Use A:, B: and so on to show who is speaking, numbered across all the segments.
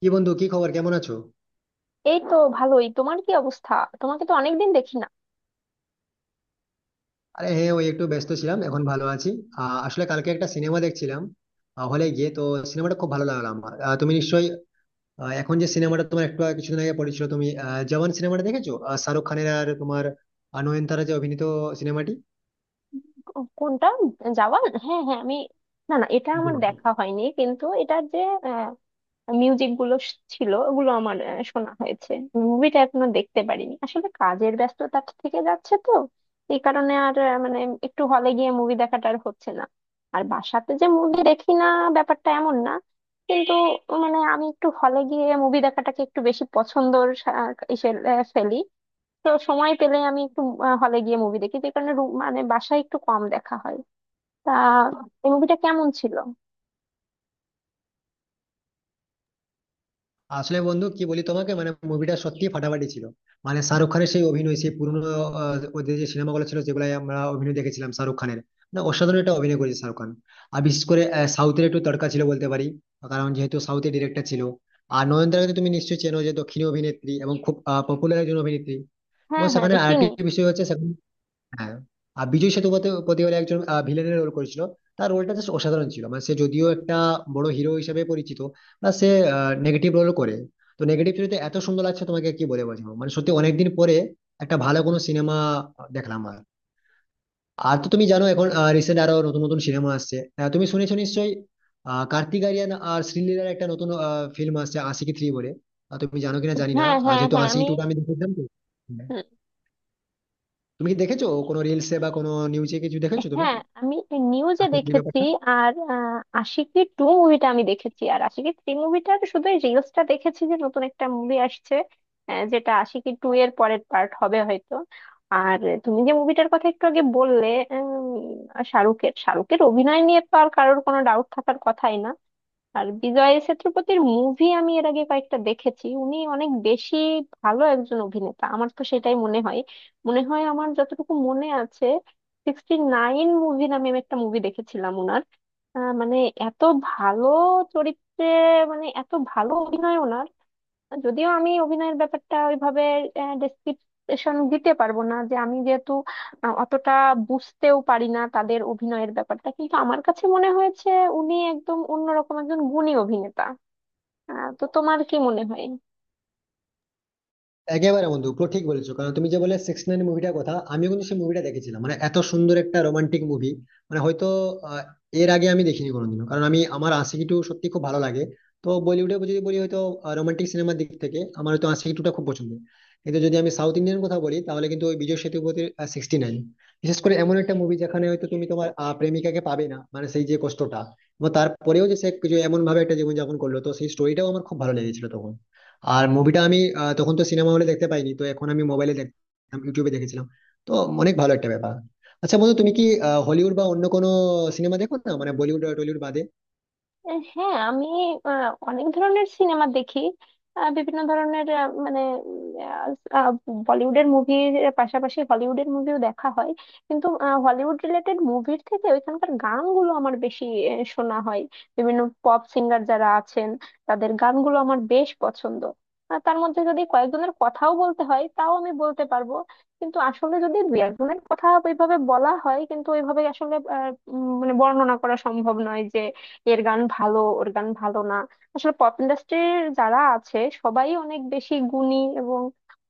A: কি বন্ধু, কি খবর? কেমন আছো?
B: এই তো ভালোই। তোমার কি অবস্থা? তোমাকে তো অনেকদিন দেখি না।
A: আরে হ্যাঁ, ওই একটু ব্যস্ত ছিলাম, এখন ভালো আছি। আসলে কালকে একটা সিনেমা দেখছিলাম হলে গিয়ে তো, সিনেমাটা খুব ভালো লাগলো আমার। তুমি নিশ্চয়ই এখন যে সিনেমাটা তোমার কিছুদিন আগে পড়েছিল, তুমি জওয়ান সিনেমাটা দেখেছো? শাহরুখ খানের আর তোমার নয়নতারা যে অভিনীত সিনেমাটি।
B: কোনটা? যাওয়ান? হ্যাঁ হ্যাঁ আমি... না না, এটা আমার দেখা হয়নি, কিন্তু এটার যে মিউজিক গুলো ছিল ওগুলো আমার শোনা হয়েছে। মুভিটা এখনো দেখতে পারিনি। আসলে কাজের ব্যস্ততা থেকে যাচ্ছে তো, এই কারণে আর মানে একটু হলে গিয়ে মুভি দেখাটা আর হচ্ছে না। আর বাসাতে যে মুভি দেখি না, ব্যাপারটা এমন না। কিন্তু মানে আমি একটু হলে গিয়ে মুভি দেখাটাকে একটু বেশি পছন্দর ইসে ফেলি। তো সময় পেলে আমি একটু হলে গিয়ে মুভি দেখি, যে কারণে মানে বাসায় একটু কম দেখা হয়। তা, এই মুভিটা কেমন ছিল?
A: আসলে বন্ধু কি বলি তোমাকে, মানে মুভিটা সত্যি ফাটাফাটি ছিল। মানে শাহরুখ খানের সেই অভিনয়, সেই পুরনো ওদের যে সিনেমাগুলো ছিল যেগুলো আমরা অভিনয় দেখেছিলাম শাহরুখ খানের, মানে অসাধারণ একটা অভিনয় করেছে শাহরুখ খান। আর বিশেষ করে সাউথের একটু তড়কা ছিল বলতে পারি, কারণ যেহেতু সাউথের ডিরেক্টর ছিল। আর নয়নতারাকে তো তুমি নিশ্চয়ই চেনো, যে দক্ষিণী অভিনেত্রী এবং খুব পপুলার একজন অভিনেত্রী। এবং
B: হ্যাঁ হ্যাঁ
A: সেখানে
B: আমি
A: আরেকটি
B: চিনি।
A: বিষয় হচ্ছে, সেখানে হ্যাঁ, আর বিজয় সেতুপতি বলে একজন ভিলেনের রোল করেছিল। তার রোলটা জাস্ট অসাধারণ ছিল। মানে সে যদিও একটা বড় হিরো হিসেবে পরিচিত, না সে নেগেটিভ রোল করে। তো নেগেটিভ চরিত্রে এত সুন্দর লাগছে, তোমাকে কি বলে বোঝাবো। মানে সত্যি অনেকদিন পরে একটা ভালো কোনো সিনেমা দেখলাম। আর আর তো তুমি জানো এখন রিসেন্ট আরো নতুন নতুন সিনেমা আসছে। তুমি শুনেছো নিশ্চয়ই, কার্তিক আরিয়ান আর শ্রীলীলার একটা নতুন ফিল্ম আসছে আশিকি থ্রি বলে। তুমি জানো কিনা জানি না,
B: হ্যাঁ
A: আর
B: হ্যাঁ
A: যেহেতু
B: হ্যাঁ
A: আশিকি
B: আমি...
A: টু টা আমি দেখেছিলাম তো হ্যাঁ।
B: হুম।
A: তুমি কি দেখেছো কোনো রিলসে বা কোনো নিউজে কিছু দেখেছো তুমি
B: হ্যাঁ, আমি নিউজে
A: হাতের যে
B: দেখেছি।
A: ব্যাপারটা?
B: আর আশিকি টু মুভিটা আমি দেখেছি, আর আশিকি থ্রি মুভিটার শুধু এই রিলসটা দেখেছি, যে নতুন একটা মুভি আসছে, যেটা আশিকি টু এর পরের পার্ট হবে হয়তো। আর তুমি যে মুভিটার কথা একটু আগে বললে, উম, শাহরুখের শাহরুখের অভিনয় নিয়ে তো আর কারোর কোনো ডাউট থাকার কথাই না। আর বিজয় সেতুপতির মুভি আমি এর আগে কয়েকটা দেখেছি, উনি অনেক বেশি ভালো একজন অভিনেতা, আমার তো সেটাই মনে হয়। আমার যতটুকু মনে আছে, সিক্সটি নাইন মুভি নামে আমি একটা মুভি দেখেছিলাম ওনার। মানে এত ভালো চরিত্রে, মানে এত ভালো অভিনয় ওনার। যদিও আমি অভিনয়ের ব্যাপারটা ওইভাবে ডেসক্রিপশন দিতে পারবো না, যে আমি যেহেতু অতটা বুঝতেও পারি না তাদের অভিনয়ের ব্যাপারটা, কিন্তু আমার কাছে মনে হয়েছে উনি একদম অন্যরকম একজন গুণী অভিনেতা। তো তোমার কি মনে হয়?
A: একেবারে বন্ধু পুরো ঠিক বলেছো, কারণ তুমি যে বলে 96 মুভিটার কথা, আমিও কিন্তু সেই মুভিটা দেখেছিলাম। মানে এত সুন্দর একটা রোমান্টিক মুভি, মানে হয়তো আহ, এর আগে আমি দেখিনি কোনোদিনও। কারণ আমি আমার আশিকি টু সত্যি খুব ভালো লাগে, তো বলিউডে যদি বলি হয়তো রোমান্টিক সিনেমার দিক থেকে আমার হয়তো আশিকি টুটা খুব পছন্দ। কিন্তু যদি আমি সাউথ ইন্ডিয়ান কথা বলি, তাহলে কিন্তু ওই বিজয় সেতুপতির 96 বিশেষ করে এমন একটা মুভি, যেখানে হয়তো তুমি তোমার প্রেমিকাকে পাবে না, মানে সেই যে কষ্টটা। এবং তারপরেও যে সে যে এমন ভাবে একটা জীবনযাপন করলো, তো সেই স্টোরিটাও আমার খুব ভালো লেগেছিল তখন। আর মুভিটা আমি তখন তো সিনেমা হলে দেখতে পাইনি, তো এখন আমি মোবাইলে দেখতাম, ইউটিউবে দেখেছিলাম। তো অনেক ভালো একটা ব্যাপার। আচ্ছা বন্ধু, তুমি কি হলিউড বা অন্য কোনো সিনেমা দেখো না, মানে বলিউড আর টলিউড বাদে?
B: হ্যাঁ আমি অনেক ধরনের সিনেমা দেখি। বিভিন্ন ধরনের মানে আহ, আহ, বলিউডের মুভির পাশাপাশি হলিউডের মুভিও দেখা হয়। কিন্তু হলিউড রিলেটেড মুভির থেকে ওইখানকার গানগুলো আমার বেশি শোনা হয়। বিভিন্ন পপ সিঙ্গার যারা আছেন তাদের গানগুলো আমার বেশ পছন্দ। আর তার মধ্যে যদি কয়েকজনের কথাও বলতে হয়, তাও আমি বলতে পারবো। কিন্তু আসলে যদি দুই একজনের কথা ওইভাবে বলা হয়, কিন্তু ওইভাবে আসলে মানে বর্ণনা করা সম্ভব নয়, যে এর গান ভালো, ওর গান ভালো না। আসলে পপ ইন্ডাস্ট্রির যারা আছে সবাই অনেক বেশি গুণী এবং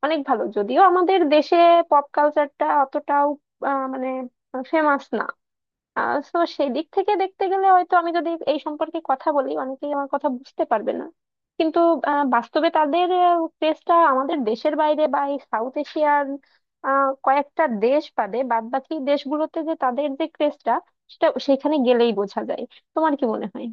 B: অনেক ভালো। যদিও আমাদের দেশে পপ কালচারটা অতটাও মানে ফেমাস না। তো সেই দিক থেকে দেখতে গেলে হয়তো আমি যদি এই সম্পর্কে কথা বলি, অনেকেই আমার কথা বুঝতে পারবে না। কিন্তু বাস্তবে তাদের ক্রেজটা আমাদের দেশের বাইরে বা এই সাউথ এশিয়ার কয়েকটা দেশ বাদে বাদ বাকি দেশগুলোতে যে তাদের যে ক্রেজটা, সেটা সেখানে গেলেই বোঝা যায়। তোমার কি মনে হয়?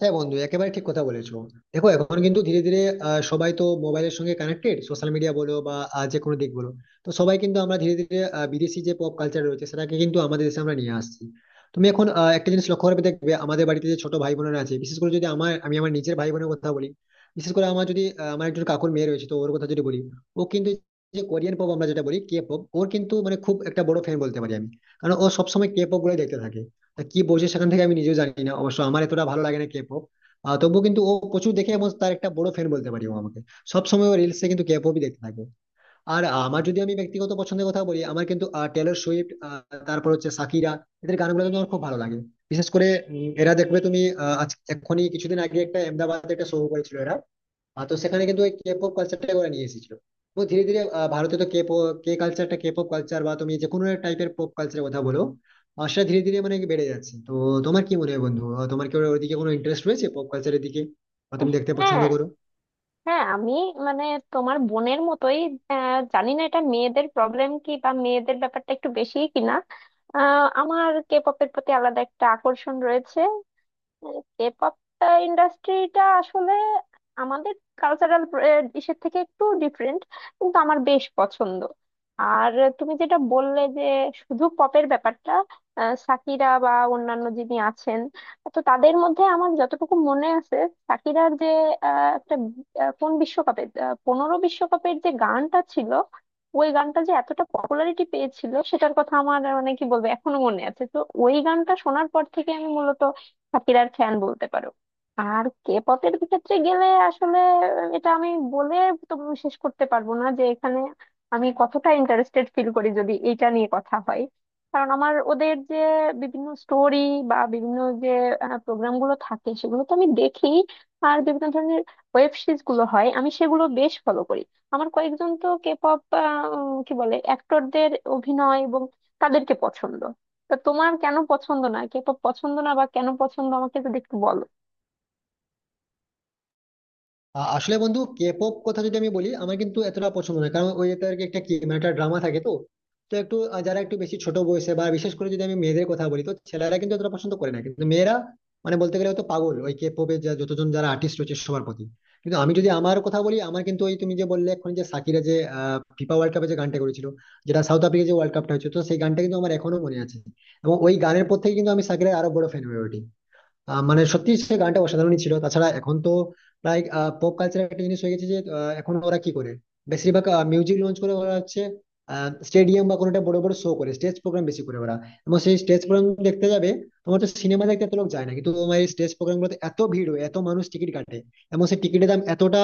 A: হ্যাঁ বন্ধু, একেবারে ঠিক কথা বলেছো। দেখো এখন কিন্তু ধীরে ধীরে সবাই তো মোবাইলের সঙ্গে কানেক্টেড, সোশ্যাল মিডিয়া বলো বা যে কোনো দিক বলো, তো সবাই কিন্তু আমরা ধীরে ধীরে বিদেশি যে পপ কালচার রয়েছে সেটাকে কিন্তু আমাদের দেশে আমরা নিয়ে আসছি। তুমি এখন একটা জিনিস লক্ষ্য করবে, দেখবে আমাদের বাড়িতে যে ছোট ভাই বোনেরা আছে, বিশেষ করে যদি আমার আমি আমার নিজের ভাই বোনের কথা বলি, বিশেষ করে আমার যদি আমার একজন কাকুর মেয়ে রয়েছে, তো ওর কথা যদি বলি, ও কিন্তু যে কোরিয়ান পপ আমরা যেটা বলি কে পপ, ওর কিন্তু মানে খুব একটা বড় ফ্যান বলতে পারি আমি। কারণ ও সবসময় কে পপ গুলো দেখতে থাকে, তা কি বলছে সেখান থেকে আমি নিজেও জানি না। অবশ্য আমার এতটা ভালো লাগে না কে পপ, তবুও কিন্তু ও প্রচুর দেখে, এবং তার একটা বড় ফ্যান বলতে পারি ও আমাকে। সবসময় ও রিলসে কিন্তু কে পপই দেখতে থাকে। আর আমার যদি আমি ব্যক্তিগত পছন্দের কথা বলি, আমার কিন্তু টেলর সুইফট, তারপর হচ্ছে সাকিরা, এদের গানগুলো কিন্তু আমার খুব ভালো লাগে। বিশেষ করে এরা দেখবে তুমি, আজ এক্ষুনি কিছুদিন আগে একটা আহমেদাবাদে একটা শো করেছিল এরা। তো সেখানে কিন্তু ওই কে পপ কালচারটা করে নিয়ে এসেছিল। তো ধীরে ধীরে ভারতে তো কে পপ কে কালচারটা, কে পপ কালচার বা তুমি যে কোনো টাইপের পপ কালচারের কথা বলো, সেটা ধীরে ধীরে মানে কি বেড়ে যাচ্ছে তো। তোমার কি মনে হয় বন্ধু, তোমার কি ওদিকে কোনো ইন্টারেস্ট রয়েছে পপ কালচারের দিকে, বা তুমি দেখতে পছন্দ
B: হ্যাঁ
A: করো?
B: হ্যাঁ আমি, মানে তোমার বোনের মতোই। জানি না এটা মেয়েদের প্রবলেম কি, বা মেয়েদের ব্যাপারটা একটু বেশি কিনা। আমার কে পপের প্রতি আলাদা একটা আকর্ষণ রয়েছে। কেপপটা, ইন্ডাস্ট্রিটা আসলে আমাদের কালচারাল ইসের থেকে একটু ডিফারেন্ট, কিন্তু আমার বেশ পছন্দ। আর তুমি যেটা বললে যে শুধু পপের ব্যাপারটা, সাকিরা বা অন্যান্য যিনি আছেন, তো তাদের মধ্যে আমার যতটুকু মনে আছে, সাকিরার যে একটা কোন বিশ্বকাপে, 15 বিশ্বকাপের যে গানটা ছিল, ওই গানটা যে এতটা পপুলারিটি পেয়েছিল সেটার কথা আমার মানে কি বলবো, এখনো মনে আছে তো। ওই গানটা শোনার পর থেকে আমি মূলত শাকিরার ফ্যান বলতে পারো। আর কে পতের ক্ষেত্রে গেলে আসলে এটা আমি বলে তো শেষ করতে পারবো না, যে এখানে আমি কতটা ইন্টারেস্টেড ফিল করি যদি এটা নিয়ে কথা হয়। কারণ আমার ওদের যে বিভিন্ন স্টোরি বা বিভিন্ন যে প্রোগ্রাম গুলো থাকে, সেগুলো তো আমি দেখি। আর বিভিন্ন ধরনের ওয়েব সিরিজ গুলো হয়, আমি সেগুলো বেশ ফলো করি। আমার কয়েকজন তো কে পপ, কি বলে, অ্যাক্টরদের অভিনয় এবং তাদেরকে পছন্দ। তা তোমার কেন পছন্দ না, কে পছন্দ না বা কেন পছন্দ আমাকে যদি একটু বলো?
A: আসলে বন্ধু কে পপ কথা যদি আমি বলি, আমার কিন্তু এতটা পছন্দ নয়, কারণ ওই তার একটা কি মানে একটা ড্রামা থাকে তো। তো যারা একটু বেশি ছোট বয়সে, বা বিশেষ করে যদি আমি মেয়েদের কথা বলি, তো ছেলেরা কিন্তু এতটা পছন্দ করে না, কিন্তু মেয়েরা মানে বলতে গেলে হয়তো পাগল ওই কে পপের যতজন যারা আর্টিস্ট রয়েছে সবার প্রতি। কিন্তু আমি যদি আমার কথা বলি, আমার কিন্তু ওই তুমি যে বললে এখন যে সাকিরা যে ফিফা ওয়ার্ল্ড কাপে যে গানটা করেছিল, যেটা সাউথ আফ্রিকা যে ওয়ার্ল্ড কাপটা হয়েছে, তো সেই গানটা কিন্তু আমার এখনো মনে আছে। এবং ওই গানের পর থেকে কিন্তু আমি সাকিরের আরো বড় ফ্যান হয়ে উঠি। মানে সত্যি সে গানটা অসাধারণই ছিল। তাছাড়া এখন তো প্রায় পপ কালচার একটা জিনিস হয়ে গেছে যে এখন ওরা কি করে, বেশিরভাগ মিউজিক লঞ্চ করে, ওরা হচ্ছে স্টেডিয়াম বা কোনো একটা বড় বড় শো করে, স্টেজ প্রোগ্রাম বেশি করে ওরা। এবং সেই স্টেজ প্রোগ্রাম দেখতে যাবে, তোমার তো সিনেমা দেখতে এত লোক যায় না, কিন্তু তোমার এই স্টেজ প্রোগ্রাম গুলোতে এত ভিড় হয়, এত মানুষ টিকিট কাটে। এবং সেই টিকিটের দাম এতটা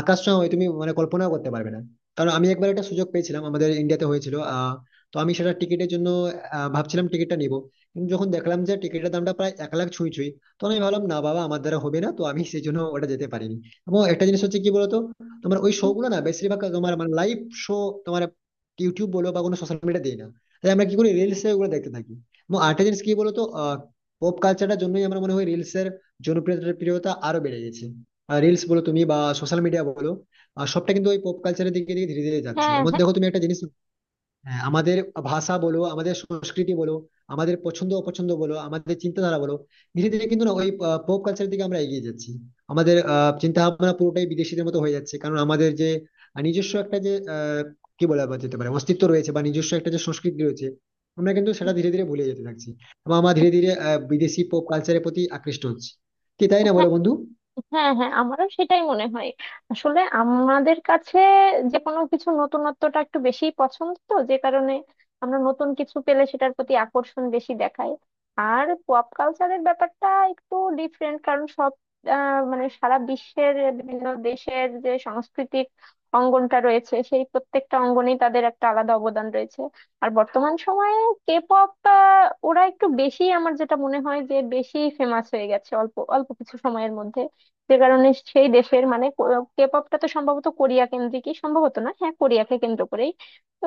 A: আকাশ ছোঁয়া হয়, তুমি মানে কল্পনাও করতে পারবে না। কারণ আমি একবার একটা সুযোগ পেয়েছিলাম, আমাদের ইন্ডিয়াতে হয়েছিল তো আমি সেটা টিকিটের জন্য ভাবছিলাম টিকিটটা নিবো, কিন্তু যখন দেখলাম যে টিকিটের দামটা প্রায় 1 লাখ ছুঁই ছুঁই, তো আমি ভাবলাম না বাবা আমার দ্বারা হবে না, তো আমি সেই জন্য ওটা যেতে পারিনি। এবং একটা জিনিস হচ্ছে কি বলতো, তোমার ওই শো
B: উম,
A: গুলো না বেশিরভাগ তোমার মানে লাইভ শো তোমার ইউটিউব বলো বা কোনো সোশ্যাল মিডিয়া দেয় না, তাই আমরা কি করি রিলস এ ওগুলো দেখতে থাকি। এবং আরেকটা জিনিস কি বলতো, পপ কালচারটার জন্যই আমার মনে হয় রিলস এর জনপ্রিয়তা প্রিয়তা আরো বেড়ে গেছে। রিলস বলো তুমি বা সোশ্যাল মিডিয়া বলো, সবটা কিন্তু ওই পপ কালচারের দিকে দিকে ধীরে ধীরে যাচ্ছে,
B: হ্যাঁ
A: এমন দেখো তুমি একটা জিনিস। হ্যাঁ, আমাদের ভাষা বলো, আমাদের সংস্কৃতি বলো, আমাদের পছন্দ অপছন্দ বলো, আমাদের চিন্তাধারা বলো, ধীরে ধীরে কিন্তু না ওই পপ কালচারের দিকে আমরা এগিয়ে যাচ্ছি। আমাদের চিন্তা ভাবনা পুরোটাই বিদেশিদের মতো হয়ে যাচ্ছে, কারণ আমাদের যে নিজস্ব একটা যে কি বলা যেতে পারে অস্তিত্ব রয়েছে, বা নিজস্ব একটা যে সংস্কৃতি রয়েছে, আমরা কিন্তু সেটা ধীরে ধীরে ভুলে যেতে থাকছি। এবং আমরা ধীরে ধীরে বিদেশি পপ কালচারের প্রতি আকৃষ্ট হচ্ছি। কি তাই না,
B: হ্যাঁ
A: বলো বন্ধু?
B: হ্যাঁ হ্যাঁ, আমারও সেটাই মনে হয়। আসলে আমাদের কাছে যে কোনো কিছু নতুনত্বটা একটু বেশি পছন্দ, তো যে কারণে আমরা নতুন কিছু পেলে সেটার প্রতি আকর্ষণ বেশি দেখায়। আর পপ কালচারের ব্যাপারটা একটু ডিফারেন্ট, কারণ সব মানে সারা বিশ্বের বিভিন্ন দেশের যে সাংস্কৃতিক অঙ্গনটা রয়েছে, সেই প্রত্যেকটা অঙ্গনেই তাদের একটা আলাদা অবদান রয়েছে। আর বর্তমান সময়ে কে পপ, ওরা একটু বেশি, আমার যেটা মনে হয় যে বেশি ফেমাস হয়ে গেছে অল্প অল্প কিছু সময়ের মধ্যে, যে কারণে সেই দেশের, মানে কে পপটা তো সম্ভবত কোরিয়া কেন্দ্রিকই, সম্ভবত না, হ্যাঁ কোরিয়াকে কেন্দ্র করেই। তো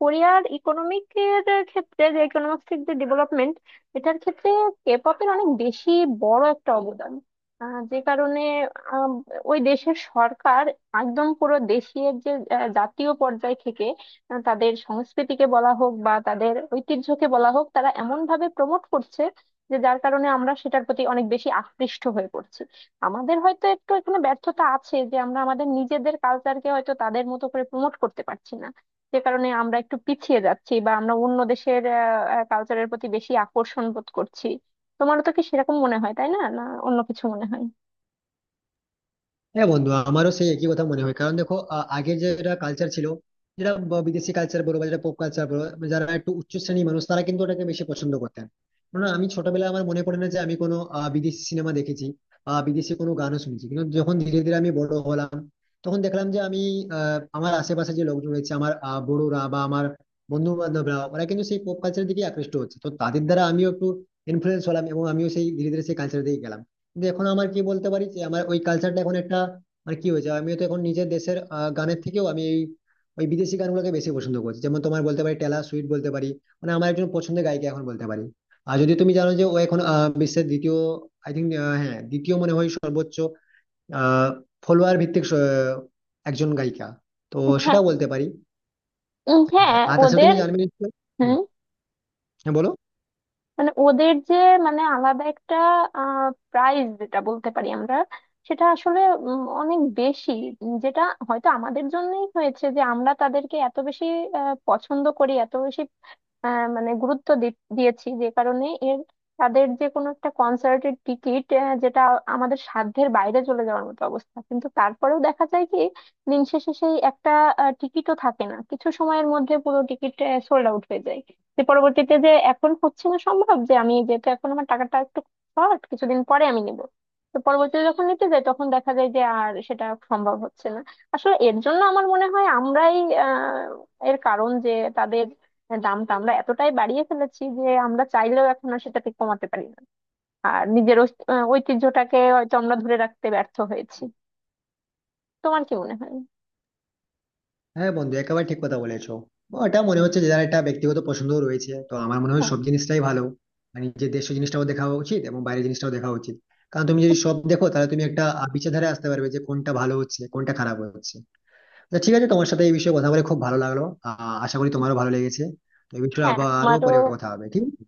B: কোরিয়ার ইকোনমিকের ক্ষেত্রে, যে ইকোনমিক্সের যে ডেভেলপমেন্ট, এটার ক্ষেত্রে কে পপের অনেক বেশি বড় একটা অবদান। যে কারণে আম, ওই দেশের সরকার একদম পুরো দেশের যে জাতীয় পর্যায় থেকে তাদের সংস্কৃতিকে বলা হোক বা তাদের ঐতিহ্যকে বলা হোক, তারা এমন ভাবে প্রমোট করছে যে যার কারণে আমরা সেটার প্রতি অনেক বেশি আকৃষ্ট হয়ে পড়ছি। আমাদের হয়তো একটু এখানে ব্যর্থতা আছে, যে আমরা আমাদের নিজেদের কালচারকে হয়তো তাদের মতো করে প্রমোট করতে পারছি না, যে কারণে আমরা একটু পিছিয়ে যাচ্ছি বা আমরা অন্য দেশের কালচারের প্রতি বেশি আকর্ষণ বোধ করছি। তোমারও তো কি সেরকম মনে হয়, তাই না? না, অন্য কিছু মনে হয়?
A: হ্যাঁ বন্ধু, আমারও সেই একই কথা মনে হয়। কারণ দেখো আগের যেটা কালচার ছিল, যেটা বিদেশি কালচার বলো বা যেটা পপ কালচার বলো, যারা একটু উচ্চ শ্রেণীর মানুষ তারা কিন্তু ওটাকে বেশি পছন্দ করতেন। কারণ আমি ছোটবেলায় আমার মনে পড়ে না যে আমি কোনো বিদেশি সিনেমা দেখেছি বা বিদেশি কোনো গানও শুনেছি। কিন্তু যখন ধীরে ধীরে আমি বড় হলাম, তখন দেখলাম যে আমি আমার আশেপাশে যে লোকজন রয়েছে, আমার বড়রা বা আমার বন্ধু বান্ধবরা ওরা কিন্তু সেই পপ কালচারের দিকে আকৃষ্ট হচ্ছে, তো তাদের দ্বারা আমিও একটু ইনফ্লুয়েন্স হলাম, এবং আমিও সেই ধীরে ধীরে সেই কালচারের দিকে গেলাম। কিন্তু এখন আমার কি বলতে পারি যে আমার ওই কালচারটা এখন একটা মানে কি হয়েছে, আমি তো এখন নিজের দেশের গানের থেকেও আমি এই ওই বিদেশি গানগুলোকে বেশি পছন্দ করছি। যেমন তোমার বলতে পারি টেলর সুইট বলতে পারি, মানে আমার একজন পছন্দের গায়িকা এখন বলতে পারি। আর যদি তুমি জানো যে ও এখন বিশ্বের দ্বিতীয়, আই থিঙ্ক, হ্যাঁ দ্বিতীয় মনে হয় সর্বোচ্চ আহ ফলোয়ার ভিত্তিক একজন গায়িকা, তো
B: হ্যাঁ।
A: সেটাও বলতে পারি। হ্যাঁ,
B: হ্যাঁ
A: আর তাছাড়া
B: ওদের...
A: তুমি জানবে নিশ্চয়ই। হুম,
B: হুম
A: হ্যাঁ বলো।
B: মানে ওদের যে, মানে আলাদা একটা প্রাইস, যেটা বলতে পারি আমরা, সেটা আসলে অনেক বেশি। যেটা হয়তো আমাদের জন্যই হয়েছে, যে আমরা তাদেরকে এত বেশি পছন্দ করি, এত বেশি মানে গুরুত্ব দিয়েছি, যে কারণে এর তাদের যে কোনো একটা কনসার্টের টিকিট, যেটা আমাদের সাধ্যের বাইরে চলে যাওয়ার মতো অবস্থা, কিন্তু তারপরেও দেখা যায় কি, দিন শেষে সেই একটা টিকিটও থাকে না, কিছু সময়ের মধ্যে পুরো টিকিট সোল্ড আউট হয়ে যায়। যে পরবর্তীতে যে এখন হচ্ছে না সম্ভব, যে আমি যেহেতু এখন আমার টাকাটা একটু শর্ট, কিছুদিন পরে আমি নিব, তো পরবর্তীতে যখন নিতে যাই, তখন দেখা যায় যে আর সেটা সম্ভব হচ্ছে না। আসলে এর জন্য আমার মনে হয় আমরাই এর কারণ, যে তাদের দামটা আমরা এতটাই বাড়িয়ে ফেলেছি যে আমরা চাইলেও এখন আর সেটাকে কমাতে পারি না। আর নিজের ঐতিহ্যটাকে হয়তো আমরা ধরে রাখতে ব্যর্থ হয়েছি। তোমার কি মনে হয়?
A: হ্যাঁ বন্ধু, একেবারে ঠিক কথা বলেছো। ওটা মনে হচ্ছে যে যার একটা ব্যক্তিগত পছন্দ রয়েছে, তো আমার মনে হয়
B: হ্যাঁ।
A: সব জিনিসটাই ভালো। মানে যে দেশীয় জিনিসটাও দেখা উচিত এবং বাইরের জিনিসটাও দেখা উচিত। কারণ তুমি যদি সব দেখো তাহলে তুমি একটা বিচারধারায় আসতে পারবে যে কোনটা ভালো হচ্ছে কোনটা খারাপ হচ্ছে। তো ঠিক আছে, তোমার সাথে এই বিষয়ে কথা বলে খুব ভালো লাগলো, আশা করি তোমারও ভালো লেগেছে। তো এই বিষয়ে
B: হ্যাঁ,
A: আবার আরো
B: আমারও।
A: পরে কথা হবে, ঠিক আছে?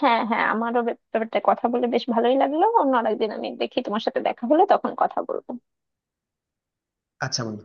B: হ্যাঁ হ্যাঁ আমারও ব্যাপারটা কথা বলে বেশ ভালোই লাগলো। অন্য আরেকদিন আমি দেখি, তোমার সাথে দেখা হলে তখন কথা বলবো।
A: আচ্ছা বন্ধু।